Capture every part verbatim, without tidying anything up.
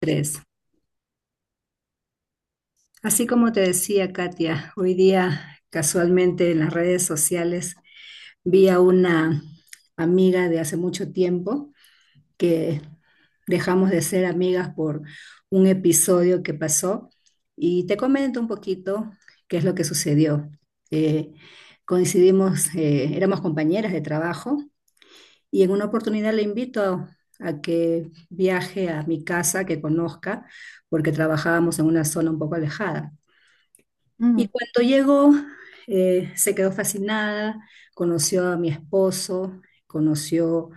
Tres. Así como te decía Katia, hoy día casualmente en las redes sociales vi a una amiga de hace mucho tiempo que dejamos de ser amigas por un episodio que pasó, y te comento un poquito qué es lo que sucedió. Eh, Coincidimos, eh, éramos compañeras de trabajo y en una oportunidad le invito a a que viaje a mi casa, que conozca, porque trabajábamos en una zona un poco alejada. Y Mm. cuando llegó, eh, se quedó fascinada, conoció a mi esposo, conoció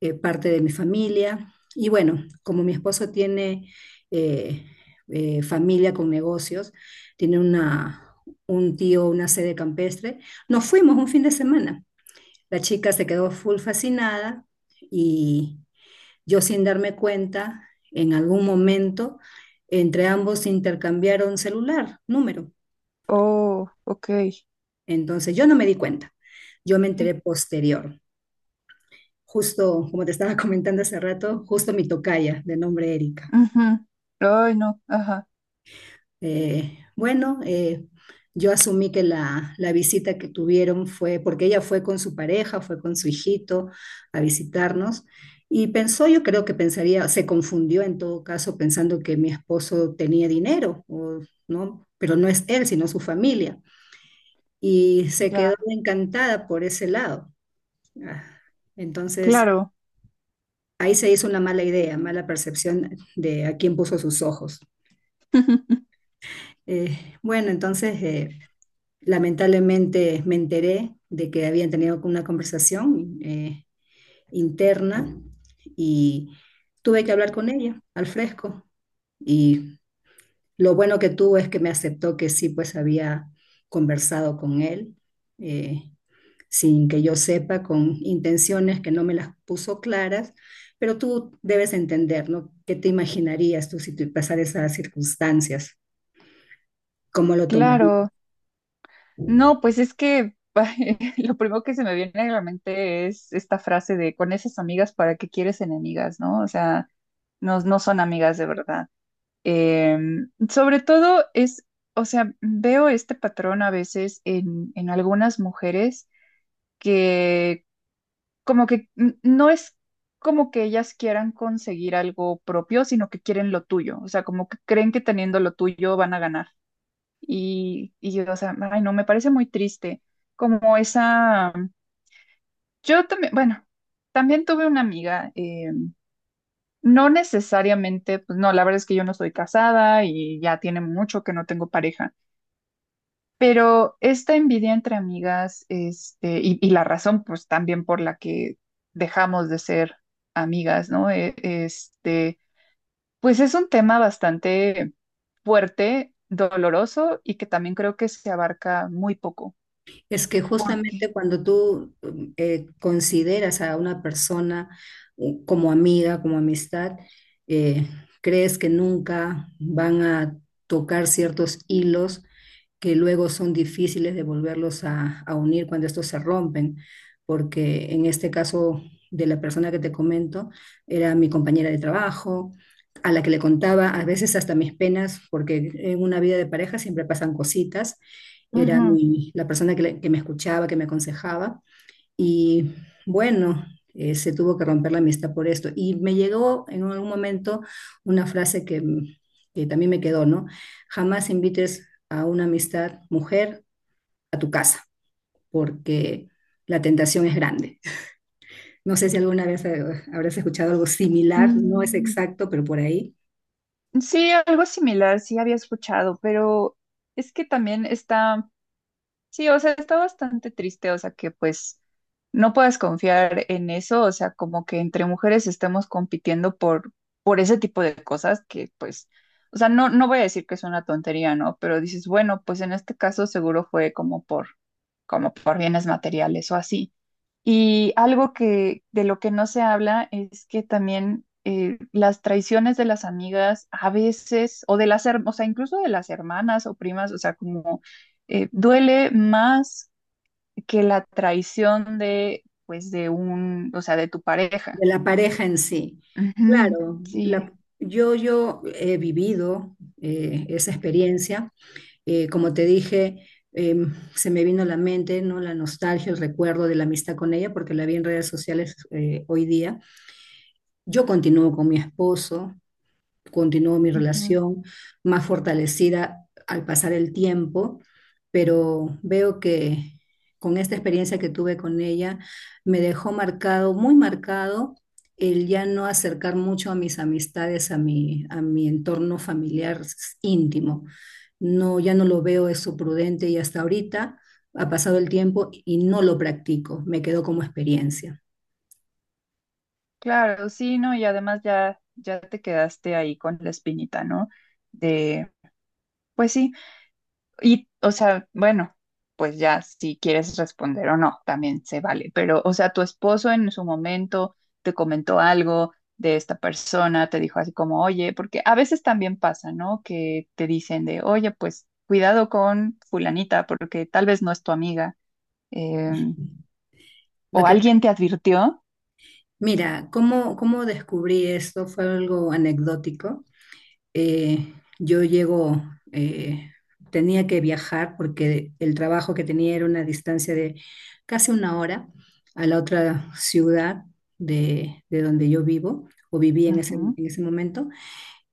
eh, parte de mi familia. Y bueno, como mi esposo tiene eh, eh, familia con negocios, tiene una, un tío, una sede campestre, nos fuimos un fin de semana. La chica se quedó full fascinada y yo, sin darme cuenta, en algún momento, entre ambos intercambiaron celular, número. Oh, ok. Entonces yo no me di cuenta, yo me enteré posterior, justo como te estaba comentando hace rato, justo mi tocaya de nombre Erika. Ujú. Ay, no, ajá, Eh, bueno, eh, yo asumí que la, la visita que tuvieron fue porque ella fue con su pareja, fue con su hijito a visitarnos, y pensó, yo creo que pensaría, se confundió en todo caso pensando que mi esposo tenía dinero, o, ¿no? Pero no es él, sino su familia. Y se quedó ya, encantada por ese lado. Ah, Entonces, claro, Ahí se hizo una mala idea, mala percepción de a quién puso sus ojos. Eh, bueno, entonces eh, lamentablemente me enteré de que habían tenido una conversación eh, interna, y tuve que hablar con ella al fresco. Y lo bueno que tuvo es que me aceptó que sí, pues había conversado con él. eh, Sin que yo sepa, con intenciones que no me las puso claras, pero tú debes entender, ¿no? ¿Qué te imaginarías tú si te pasara esas circunstancias? ¿Cómo lo tomarías? claro. No, pues es que lo primero que se me viene a la mente es esta frase de con esas amigas, ¿para qué quieres enemigas? ¿No? O sea, no, no son amigas de verdad. Em, sobre todo es, o sea, veo este patrón a veces en, en algunas mujeres que como que n- no es como que ellas quieran conseguir algo propio, sino que quieren lo tuyo, o sea, como que creen que teniendo lo tuyo van a ganar. Y, y yo, o sea, ay, no, me parece muy triste, como esa, yo también, bueno, también tuve una amiga, eh, no necesariamente, pues no, la verdad es que yo no estoy casada y ya tiene mucho que no tengo pareja. Pero esta envidia entre amigas, este, y, y la razón, pues también por la que dejamos de ser amigas, ¿no? E- Este, pues es un tema bastante fuerte, doloroso y que también creo que se abarca muy poco. Es que Ok. justamente cuando tú mm, eh, consideras a una persona uh, como amiga, como amistad, eh, crees que nunca van a tocar ciertos hilos que luego son difíciles de volverlos a, a unir cuando estos se rompen, porque en este caso de la persona que te comento, era mi compañera de trabajo, a la que le contaba a veces hasta mis penas, porque en una vida de pareja siempre pasan cositas. Era Ujú. mi- la persona que, le- que me escuchaba, que me aconsejaba. Y bueno, eh, se tuvo que romper la amistad por esto. Y me llegó en algún momento una frase que, que también me quedó, ¿no? Jamás invites a una amistad mujer a tu casa, porque la tentación es grande. No sé si alguna vez eh, habrás escuchado algo similar, no es Mm, exacto, pero por ahí, sí, algo similar, sí había escuchado, pero es que también está. Sí, o sea, está bastante triste, o sea, que pues no puedas confiar en eso, o sea, como que entre mujeres estemos compitiendo por, por ese tipo de cosas que pues, o sea, no, no voy a decir que es una tontería, ¿no? Pero dices, bueno, pues en este caso seguro fue como por, como por bienes materiales o así. Y algo que de lo que no se habla es que también eh, las traiciones de las amigas a veces, o de las, her- o sea, incluso de las hermanas o primas, o sea, como eh, duele más que la traición de, pues, de un, o sea, de tu pareja. de la pareja en sí. Ujú, Claro, sí, la- yo, yo he vivido eh, esa experiencia. Eh, como te dije, eh, se me vino a la mente, ¿no? La nostalgia, el recuerdo de la amistad con ella, porque la vi en redes sociales eh, hoy día. Yo continúo con mi esposo, continuó mi ujú. relación más fortalecida al pasar el tiempo, pero veo que con esta experiencia que tuve con ella, me dejó marcado, muy marcado, el ya no acercar mucho a mis amistades, a mi, a mi entorno familiar íntimo. No, ya no lo veo eso prudente, y hasta ahorita ha pasado el tiempo y no lo practico, me quedó como experiencia. Claro, sí, ¿no? Y además ya, ya te quedaste ahí con la espinita, ¿no? De, pues sí. Y, o sea, bueno, pues ya si quieres responder o no, también se vale. Pero, o sea, tu esposo en su momento te comentó algo de esta persona, te dijo así como, oye, porque a veces también pasa, ¿no? Que te dicen de, oye, pues cuidado con fulanita, porque tal vez no es tu amiga. eh, Lo o que, alguien te advirtió. mira, ¿cómo, cómo descubrí esto? Fue algo anecdótico. Eh, yo llego, eh, tenía que viajar porque el trabajo que tenía era una distancia de casi una hora a la otra ciudad de, de donde yo vivo o viví en ese, en Ujú. ese momento.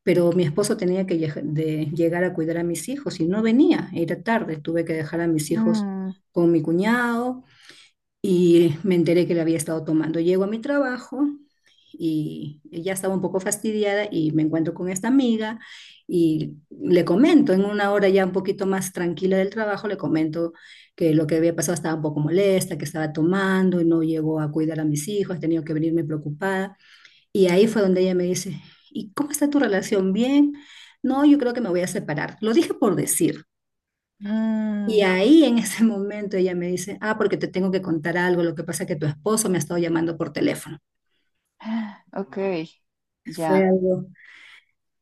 Pero mi esposo tenía que lleg- de llegar a cuidar a mis hijos y no venía, era tarde, tuve que dejar a mis hijos Mm, con mi cuñado y me enteré que le había estado tomando. Llego a mi trabajo y ya estaba un poco fastidiada y me encuentro con esta amiga y le comento, en una hora ya un poquito más tranquila del trabajo, le comento que lo que había pasado, estaba un poco molesta, que estaba tomando y no llegó a cuidar a mis hijos, he tenido que venirme preocupada. Y ahí fue donde ella me dice, ¿y cómo está tu relación? ¿Bien? No, yo creo que me voy a separar. Lo dije por decir. Y mm. ahí en ese momento ella me dice, ah, porque te tengo que contar algo, lo que pasa es que tu esposo me ha estado llamando por teléfono. Ok, Fue ya, algo,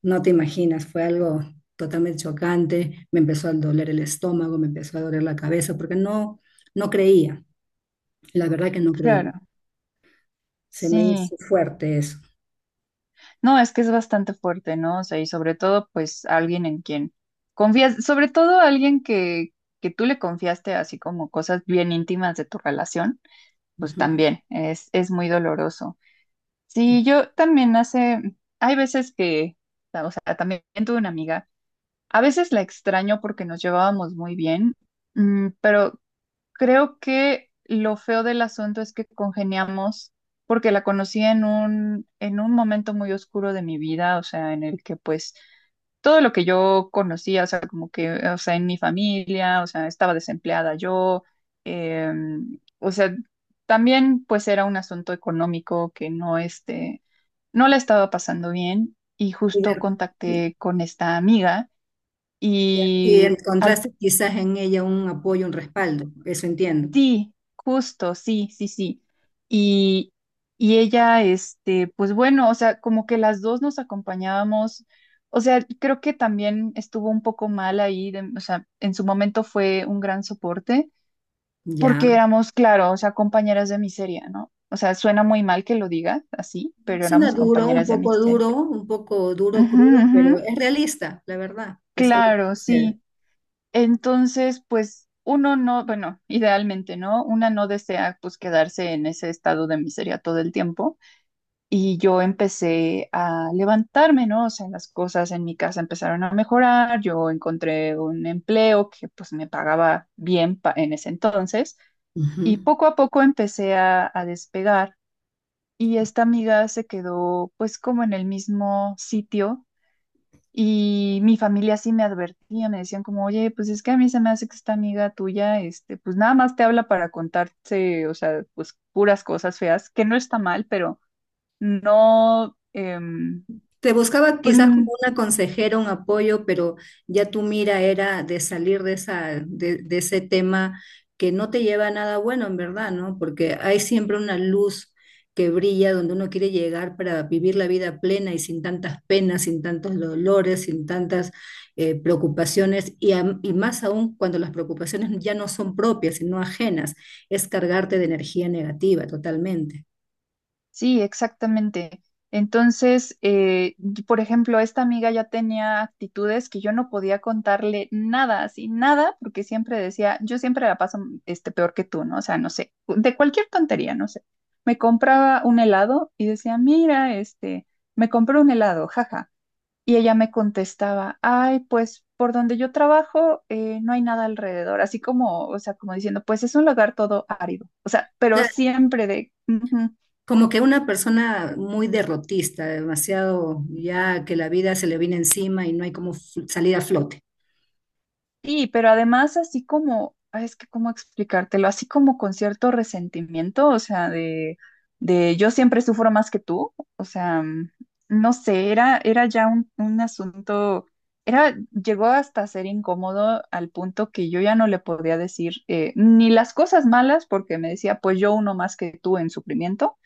no te imaginas, fue algo totalmente chocante, me empezó a doler el estómago, me empezó a doler la cabeza, porque no, no creía, la verdad que no creía. claro, Se me hizo sí. fuerte eso. No, es que es bastante fuerte, ¿no? O sea, y sobre todo, pues, alguien en quien confías, sobre todo alguien que, que tú le confiaste así como cosas bien íntimas de tu relación, pues Ujú. también es, es muy doloroso. Sí, yo también hace, hay veces que, o sea, también tuve una amiga, a veces la extraño porque nos llevábamos muy bien, mm, pero creo que lo feo del asunto es que congeniamos porque la conocí en un, en un momento muy oscuro de mi vida, o sea, en el que pues todo lo que yo conocía, o sea, como que, o sea, en mi familia, o sea, estaba desempleada yo, eh, o sea, también pues era un asunto económico que no, este, no la estaba pasando bien y Y justo de- contacté con esta amiga Y y al. encontraste quizás en ella un apoyo, un respaldo, eso entiendo. Sí, justo, sí, sí, sí. Y, y ella, este, pues bueno, o sea, como que las dos nos acompañábamos, o sea, creo que también estuvo un poco mal ahí, de- o sea, en su momento fue un gran soporte, Ya. porque éramos, claro, o sea, compañeras de miseria, ¿no? O sea, suena muy mal que lo diga así, pero Suena éramos duro, un compañeras de poco miseria. duro, un poco duro, Ujú, crudo, ujú. pero es realista, la verdad. Es algo que Claro, sucede. sí. Entonces, pues uno no, bueno, idealmente, ¿no? Una no desea pues quedarse en ese estado de miseria todo el tiempo. Y yo empecé a levantarme, ¿no? O sea, las cosas en mi casa empezaron a mejorar, yo encontré un empleo que pues me pagaba bien pa- en ese entonces y Ujú. poco a poco empecé a, a despegar. Y esta amiga se quedó pues como en el mismo sitio y mi familia sí me advertía, me decían como, oye, pues es que a mí se me hace que esta amiga tuya, este, pues nada más te habla para contarte, o sea, pues puras cosas feas, que no está mal, pero no, em, Te buscaba pues quizás como una consejera, un apoyo, pero ya tu mira era de salir de esa, de, de ese tema que no te lleva a nada bueno, en verdad, ¿no? Porque hay siempre una luz que brilla donde uno quiere llegar para vivir la vida plena y sin tantas penas, sin tantos dolores, sin tantas eh, preocupaciones, y, am- y más aún cuando las preocupaciones ya no son propias, sino ajenas, es cargarte de energía negativa totalmente. sí, exactamente. Entonces, eh, y por ejemplo, esta amiga ya tenía actitudes que yo no podía contarle nada, así nada, porque siempre decía, yo siempre la paso este, peor que tú, ¿no? O sea, no sé, de cualquier tontería, no sé. Me compraba un helado y decía, mira, este, me compré un helado, jaja. Y ella me contestaba, ay, pues por donde yo trabajo eh, no hay nada alrededor, así como, o sea, como diciendo, pues es un lugar todo árido, o sea, pero siempre de. "Ujú". Como que una persona muy derrotista, demasiado, ya que la vida se le viene encima y no hay como f- salir a flote. Sí, pero además así como, ay, es que cómo explicártelo, así como con cierto resentimiento, o sea, de, de yo siempre sufro más que tú, o sea, mm, no sé, era, era ya un, un asunto, era, llegó hasta ser incómodo al punto que yo ya no le podía decir eh, ni las cosas malas, porque me decía, pues yo uno más que tú en sufrimiento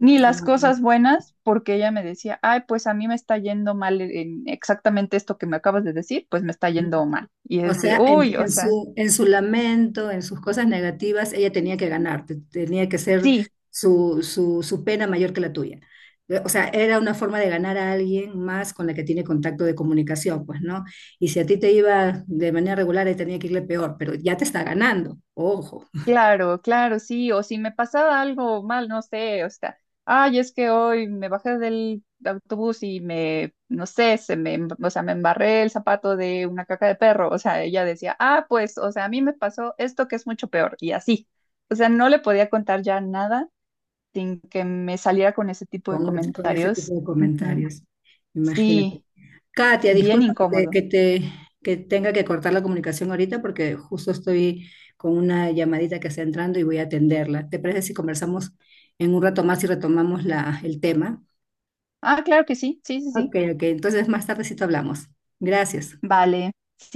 ni las Ah, cosas buenas, porque ella me decía, ay, pues a mí me está yendo mal en exactamente esto que me acabas de decir, pues me está yendo mal. Y O es de, sea, en, uy, o en sea, su, en su lamento, en sus cosas negativas, ella tenía que ganar, te- tenía que ser sí, su, su, su pena mayor que la tuya. Eh, O sea, era una forma de ganar a alguien más con la que tiene contacto de comunicación, pues, ¿no? Y si a ti te iba de manera regular, ahí tenía que irle peor, pero ya te está ganando, ojo, claro, claro, sí, o si me pasaba algo mal, no sé, o sea, ay, es que hoy me bajé del autobús y me, no sé, se me, em- o sea, me embarré el zapato de una caca de perro, o sea, ella decía, ah, pues, o sea, a mí me pasó esto que es mucho peor, y así. O sea, no le podía contar ya nada sin que me saliera con ese tipo de con, otro- con ese comentarios. tipo de Ujú. comentarios. Sí, Imagínate. Katia, bien disculpa que te, incómodo. que te- que tenga que cortar la comunicación ahorita, porque justo estoy con una llamadita que está entrando y voy a atenderla. ¿Te parece si conversamos en un rato más y retomamos la, el tema? Ah, claro que sí, sí, sí, Ok, sí. ok, entonces más tardecito hablamos. Gracias. Vale.